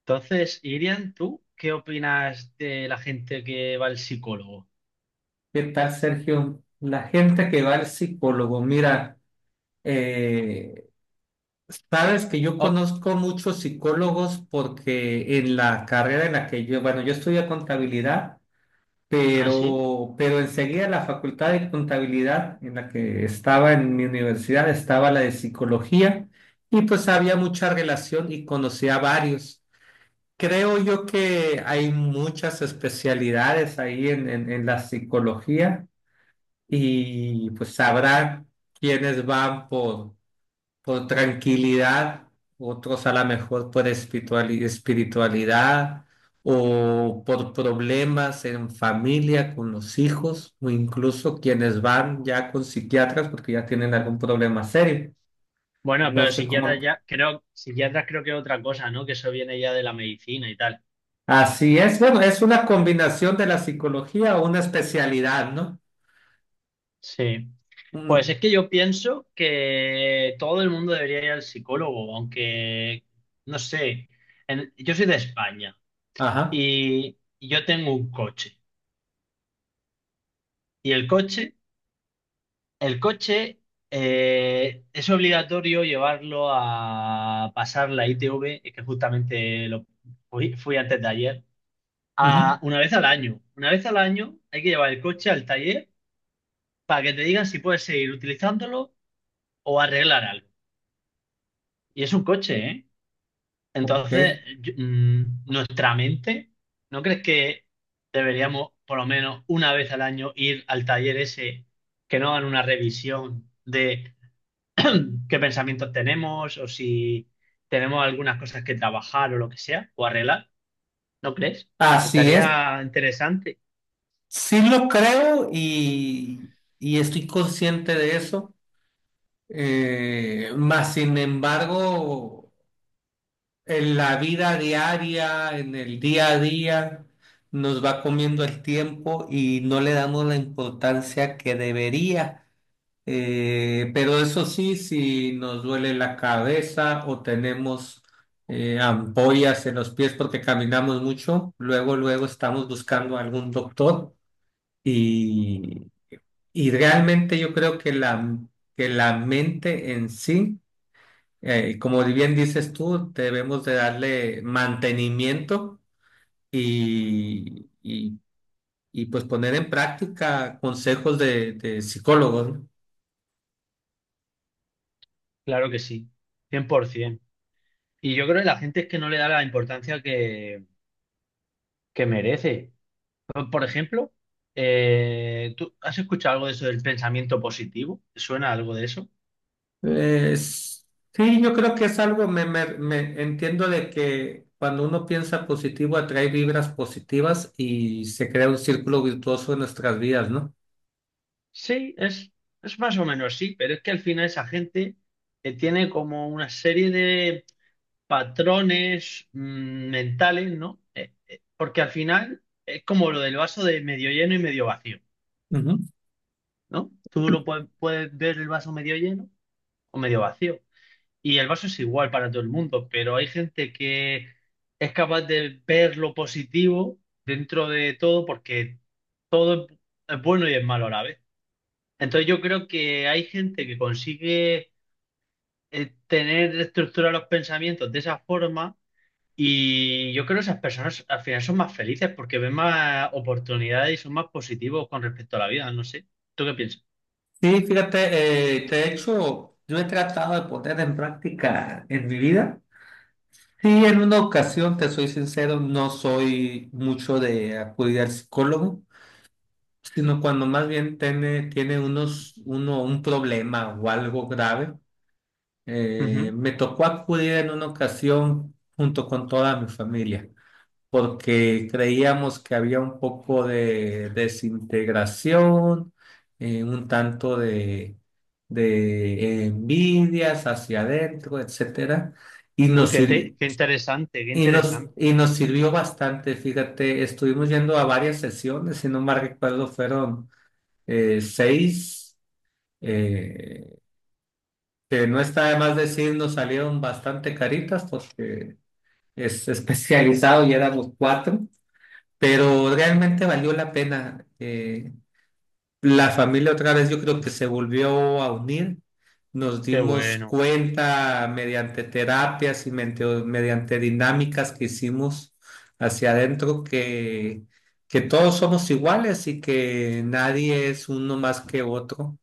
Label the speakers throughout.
Speaker 1: Entonces, Irian, ¿tú qué opinas de la gente que va al psicólogo?
Speaker 2: ¿Qué tal, Sergio? La gente que va al psicólogo, mira, eh, sabes que yo
Speaker 1: Oh.
Speaker 2: conozco muchos psicólogos porque en la carrera en la que bueno, yo estudié contabilidad,
Speaker 1: Ah, sí.
Speaker 2: pero enseguida la facultad de contabilidad en la que estaba en mi universidad estaba la de psicología y pues había mucha relación y conocía a varios. Creo yo que hay muchas especialidades ahí en la psicología y pues sabrá quienes van por tranquilidad, otros a lo mejor por espiritualidad o por problemas en familia con los hijos o incluso quienes van ya con psiquiatras porque ya tienen algún problema serio.
Speaker 1: Bueno,
Speaker 2: No
Speaker 1: pero
Speaker 2: sé
Speaker 1: psiquiatras
Speaker 2: cómo.
Speaker 1: ya, creo, psiquiatras creo que es otra cosa, ¿no? Que eso viene ya de la medicina y tal.
Speaker 2: Así es, bueno, es una combinación de la psicología o una especialidad, ¿no?
Speaker 1: Sí. Pues
Speaker 2: Mm.
Speaker 1: es que yo pienso que todo el mundo debería ir al psicólogo, aunque, no sé, yo soy de España
Speaker 2: Ajá.
Speaker 1: y yo tengo un coche. Y el coche. El coche, es obligatorio llevarlo a pasar la ITV, que justamente lo fui antes de ayer,
Speaker 2: Ujú.
Speaker 1: a una vez al año. Una vez al año hay que llevar el coche al taller para que te digan si puedes seguir utilizándolo o arreglar algo. Y es un coche, ¿eh?
Speaker 2: Ok.
Speaker 1: Entonces, nuestra mente, ¿no crees que deberíamos por lo menos una vez al año ir al taller ese, que no hagan una revisión de qué pensamientos tenemos o si tenemos algunas cosas que trabajar o lo que sea, o arreglar, ¿no crees?
Speaker 2: Así es.
Speaker 1: Estaría interesante.
Speaker 2: Sí lo creo, y estoy consciente de eso, más sin embargo, en la vida diaria, en el día a día, nos va comiendo el tiempo y no le damos la importancia que debería. Pero eso sí, si nos duele la cabeza o tenemos ampollas en los pies porque caminamos mucho, luego, luego estamos buscando algún doctor. Y, y realmente yo creo que la mente en sí, como bien dices tú, debemos de darle mantenimiento y, y, y pues poner en práctica consejos de psicólogos, ¿no?
Speaker 1: Claro que sí, 100%. Y yo creo que la gente es que no le da la importancia que merece. Por ejemplo, ¿tú has escuchado algo de eso del pensamiento positivo? ¿Te ¿Suena algo de eso?
Speaker 2: Es- sí, yo creo que es algo, me entiendo de que cuando uno piensa positivo atrae vibras positivas y se crea un círculo virtuoso en nuestras vidas, ¿no?
Speaker 1: Sí, es más o menos sí, pero es que al final esa gente tiene como una serie de patrones mentales, ¿no? Porque al final es como lo del vaso de medio lleno y medio vacío,
Speaker 2: Ujú.
Speaker 1: ¿no? Tú lo puedes ver el vaso medio lleno o medio vacío. Y el vaso es igual para todo el mundo, pero hay gente que es capaz de ver lo positivo dentro de todo porque todo es bueno y es malo a la vez. Entonces yo creo que hay gente que consigue tener estructurados los pensamientos de esa forma. Y yo creo que esas personas al final son más felices porque ven más oportunidades y son más positivos con respecto a la vida, no sé. ¿Tú qué piensas?
Speaker 2: Sí, fíjate, de hecho, yo he tratado de poner en práctica en mi vida. Sí, en una ocasión, te soy sincero, no soy mucho de acudir al psicólogo, sino cuando más bien tiene un problema o algo grave.
Speaker 1: Ujú.
Speaker 2: Me tocó acudir en una ocasión junto con toda mi familia, porque creíamos que había un poco de desintegración, un tanto de envidias hacia adentro, etcétera, y
Speaker 1: Uy,
Speaker 2: nos sirvi-
Speaker 1: qué interesante, qué
Speaker 2: Y nos,
Speaker 1: interesante.
Speaker 2: y nos sirvió bastante, fíjate, estuvimos yendo a varias sesiones, si no mal recuerdo, fueron seis, eh, que no está de más decir, nos salieron bastante caritas porque es especializado y éramos cuatro. Pero realmente valió la pena. La familia otra vez yo creo que se volvió a unir. Nos
Speaker 1: Qué
Speaker 2: dimos
Speaker 1: bueno,
Speaker 2: cuenta mediante terapias y mediante dinámicas que hicimos hacia adentro que todos somos iguales y que nadie es uno más que otro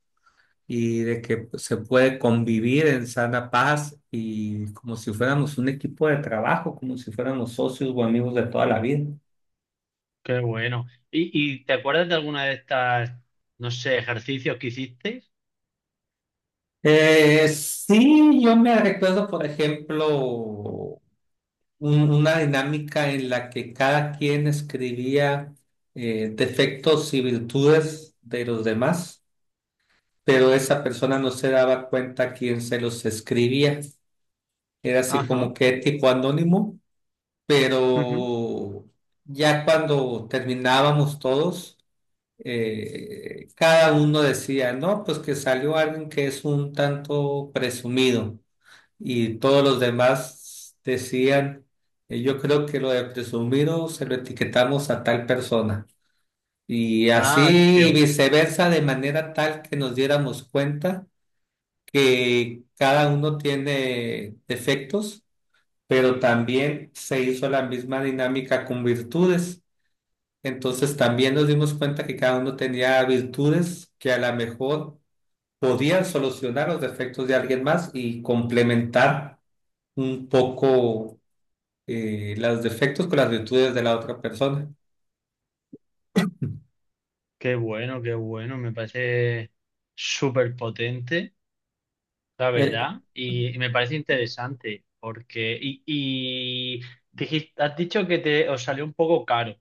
Speaker 2: y de que se puede convivir en sana paz y como si fuéramos un equipo de trabajo, como si fuéramos socios o amigos de toda la vida.
Speaker 1: qué bueno. Y te acuerdas de alguna de estas, no sé, ejercicios que hicisteis?
Speaker 2: Sí, yo me recuerdo, por ejemplo, una dinámica en la que cada quien escribía defectos y virtudes de los demás, pero esa persona no se daba cuenta quién se los escribía. Era así
Speaker 1: Ajá.
Speaker 2: como que tipo anónimo,
Speaker 1: Ujú.
Speaker 2: pero ya cuando terminábamos todos, cada uno decía, no, pues que salió alguien que es un tanto presumido. Y todos los demás decían, yo creo que lo de presumido se lo etiquetamos a tal persona. Y
Speaker 1: Ah,
Speaker 2: así y
Speaker 1: qué,
Speaker 2: viceversa, de manera tal que nos diéramos cuenta que cada uno tiene defectos, pero también se hizo la misma dinámica con virtudes. Entonces también nos dimos cuenta que cada uno tenía virtudes que a lo mejor podían solucionar los defectos de alguien más y complementar un poco los defectos con las virtudes de la otra persona.
Speaker 1: qué bueno, qué bueno. Me parece súper potente. La
Speaker 2: Eh,
Speaker 1: verdad, y me parece interesante porque y has dicho que te os salió un poco caro,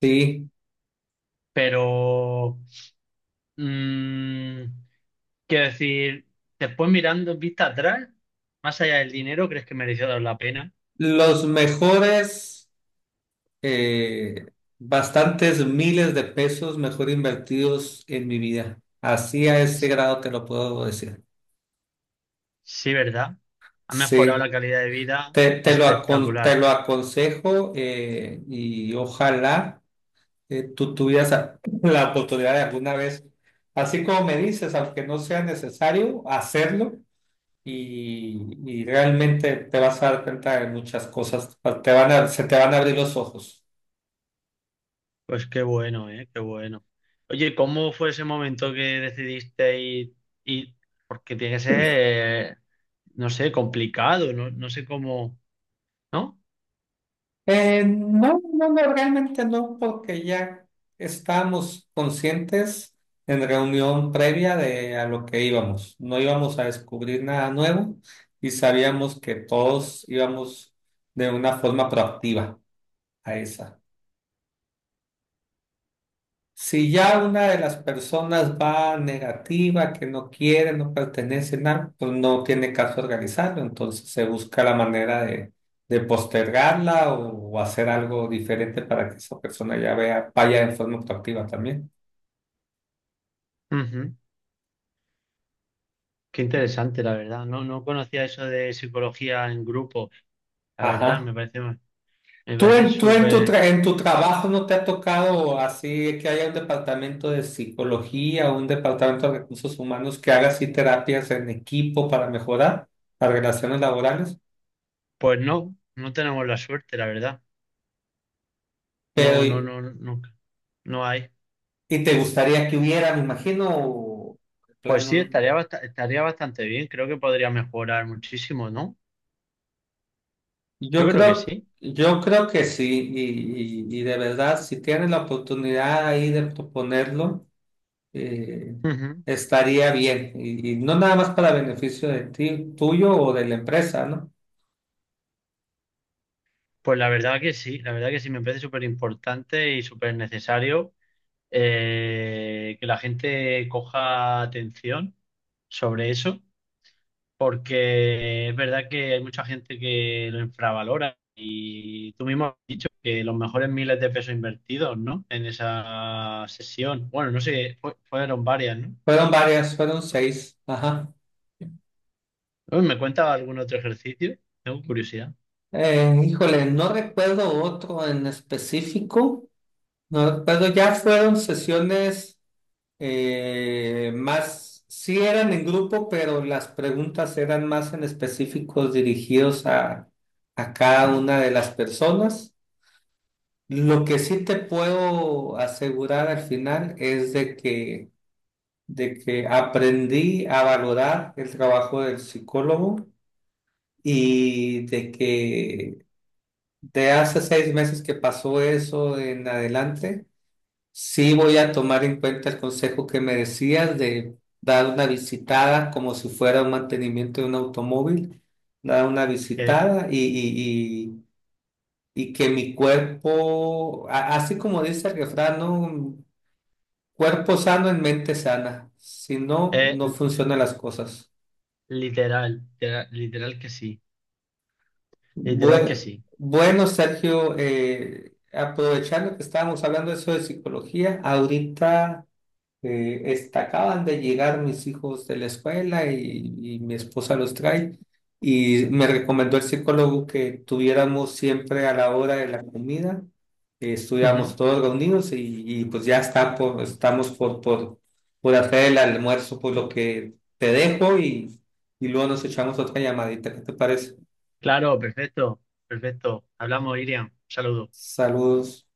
Speaker 2: sí,
Speaker 1: pero, mm, quiero decir, después mirando en vista atrás, más allá del dinero, ¿crees que mereció la pena?
Speaker 2: los mejores, eh, bastantes miles de pesos mejor invertidos en mi vida. Así a ese grado te lo puedo decir.
Speaker 1: Sí, ¿verdad? Ha mejorado
Speaker 2: Sí,
Speaker 1: la calidad de vida
Speaker 2: te, te lo, acon- te
Speaker 1: espectacular.
Speaker 2: lo aconsejo, y ojalá tú tuvieras la oportunidad de alguna vez, así como me dices, aunque no sea necesario hacerlo y realmente te vas a dar cuenta de muchas cosas, se te van a abrir los ojos.
Speaker 1: Pues qué bueno, ¿eh? Qué bueno. Oye, ¿cómo fue ese momento que decidiste ir? Porque tiene que ser, eh, no sé, complicado, no, no sé cómo, ¿no?
Speaker 2: No, no, no, realmente no, porque ya estábamos conscientes en reunión previa de a lo que íbamos. No íbamos a descubrir nada nuevo y sabíamos que todos íbamos de una forma proactiva a esa. Si ya una de las personas va negativa, que no quiere, no pertenece, nada, pues no tiene caso organizarlo, entonces se busca la manera de postergarla o hacer algo diferente para que esa persona ya vea, vaya en forma proactiva también.
Speaker 1: Ujú. Qué interesante, la verdad. No, no conocía eso de psicología en grupo. La verdad,
Speaker 2: Ajá.
Speaker 1: me
Speaker 2: ¿Tú
Speaker 1: parece
Speaker 2: en, tú en tu,
Speaker 1: súper.
Speaker 2: tra- en tu trabajo no te ha tocado así que haya un departamento de psicología o un departamento de recursos humanos que haga así terapias en equipo para mejorar las relaciones laborales?
Speaker 1: Pues no, no tenemos la suerte, la verdad. No, no,
Speaker 2: Pero
Speaker 1: no, no, no hay.
Speaker 2: ¿y te gustaría que hubiera, me imagino, en plan,
Speaker 1: Pues sí,
Speaker 2: no?
Speaker 1: estaría bastante bien. Creo que podría mejorar muchísimo, ¿no? Yo
Speaker 2: Yo
Speaker 1: creo que
Speaker 2: creo,
Speaker 1: sí.
Speaker 2: yo creo que sí, y, y de verdad, si tienes la oportunidad ahí de proponerlo, eh,
Speaker 1: Ujú.
Speaker 2: estaría bien. Y no nada más para beneficio de ti, tuyo o de la empresa, ¿no?
Speaker 1: Pues la verdad que sí, la verdad que sí, me parece súper importante y súper necesario, que la gente coja atención sobre eso, porque es verdad que hay mucha gente que lo infravalora y tú mismo has dicho que los mejores miles de pesos invertidos, ¿no? En esa sesión, bueno, no sé, fueron varias, ¿no?
Speaker 2: Fueron varias, fueron seis. Ajá.
Speaker 1: Uy, ¿me cuenta algún otro ejercicio? Tengo curiosidad.
Speaker 2: Híjole, no recuerdo otro en específico. No recuerdo, ya fueron sesiones. Más, sí eran en grupo, pero las preguntas eran más en específicos dirigidos a cada una de las personas. Lo que sí te puedo asegurar al final es de que aprendí a valorar el trabajo del psicólogo y de que de hace 6 meses que pasó eso en adelante. Sí, voy a tomar en cuenta el consejo que me decías de dar una visitada como si fuera un mantenimiento de un automóvil, dar una
Speaker 1: Eh,
Speaker 2: visitada y, y que mi cuerpo, así como dice el refrán, ¿no? Cuerpo sano en mente sana, si no,
Speaker 1: eh,
Speaker 2: no funcionan las cosas.
Speaker 1: literal, literal, literal que sí, literal que
Speaker 2: Bue-
Speaker 1: sí.
Speaker 2: Bueno, Sergio, aprovechando que estábamos hablando de eso de psicología, ahorita... Acaban de llegar mis hijos de la escuela y mi esposa los trae y me recomendó el psicólogo que tuviéramos siempre a la hora de la comida, estuviéramos todos reunidos y pues ya estamos por hacer el almuerzo, por lo que te dejo y luego nos echamos otra llamadita. ¿Qué te parece?
Speaker 1: Claro, perfecto, perfecto. Hablamos, Iriam. Saludos.
Speaker 2: Saludos.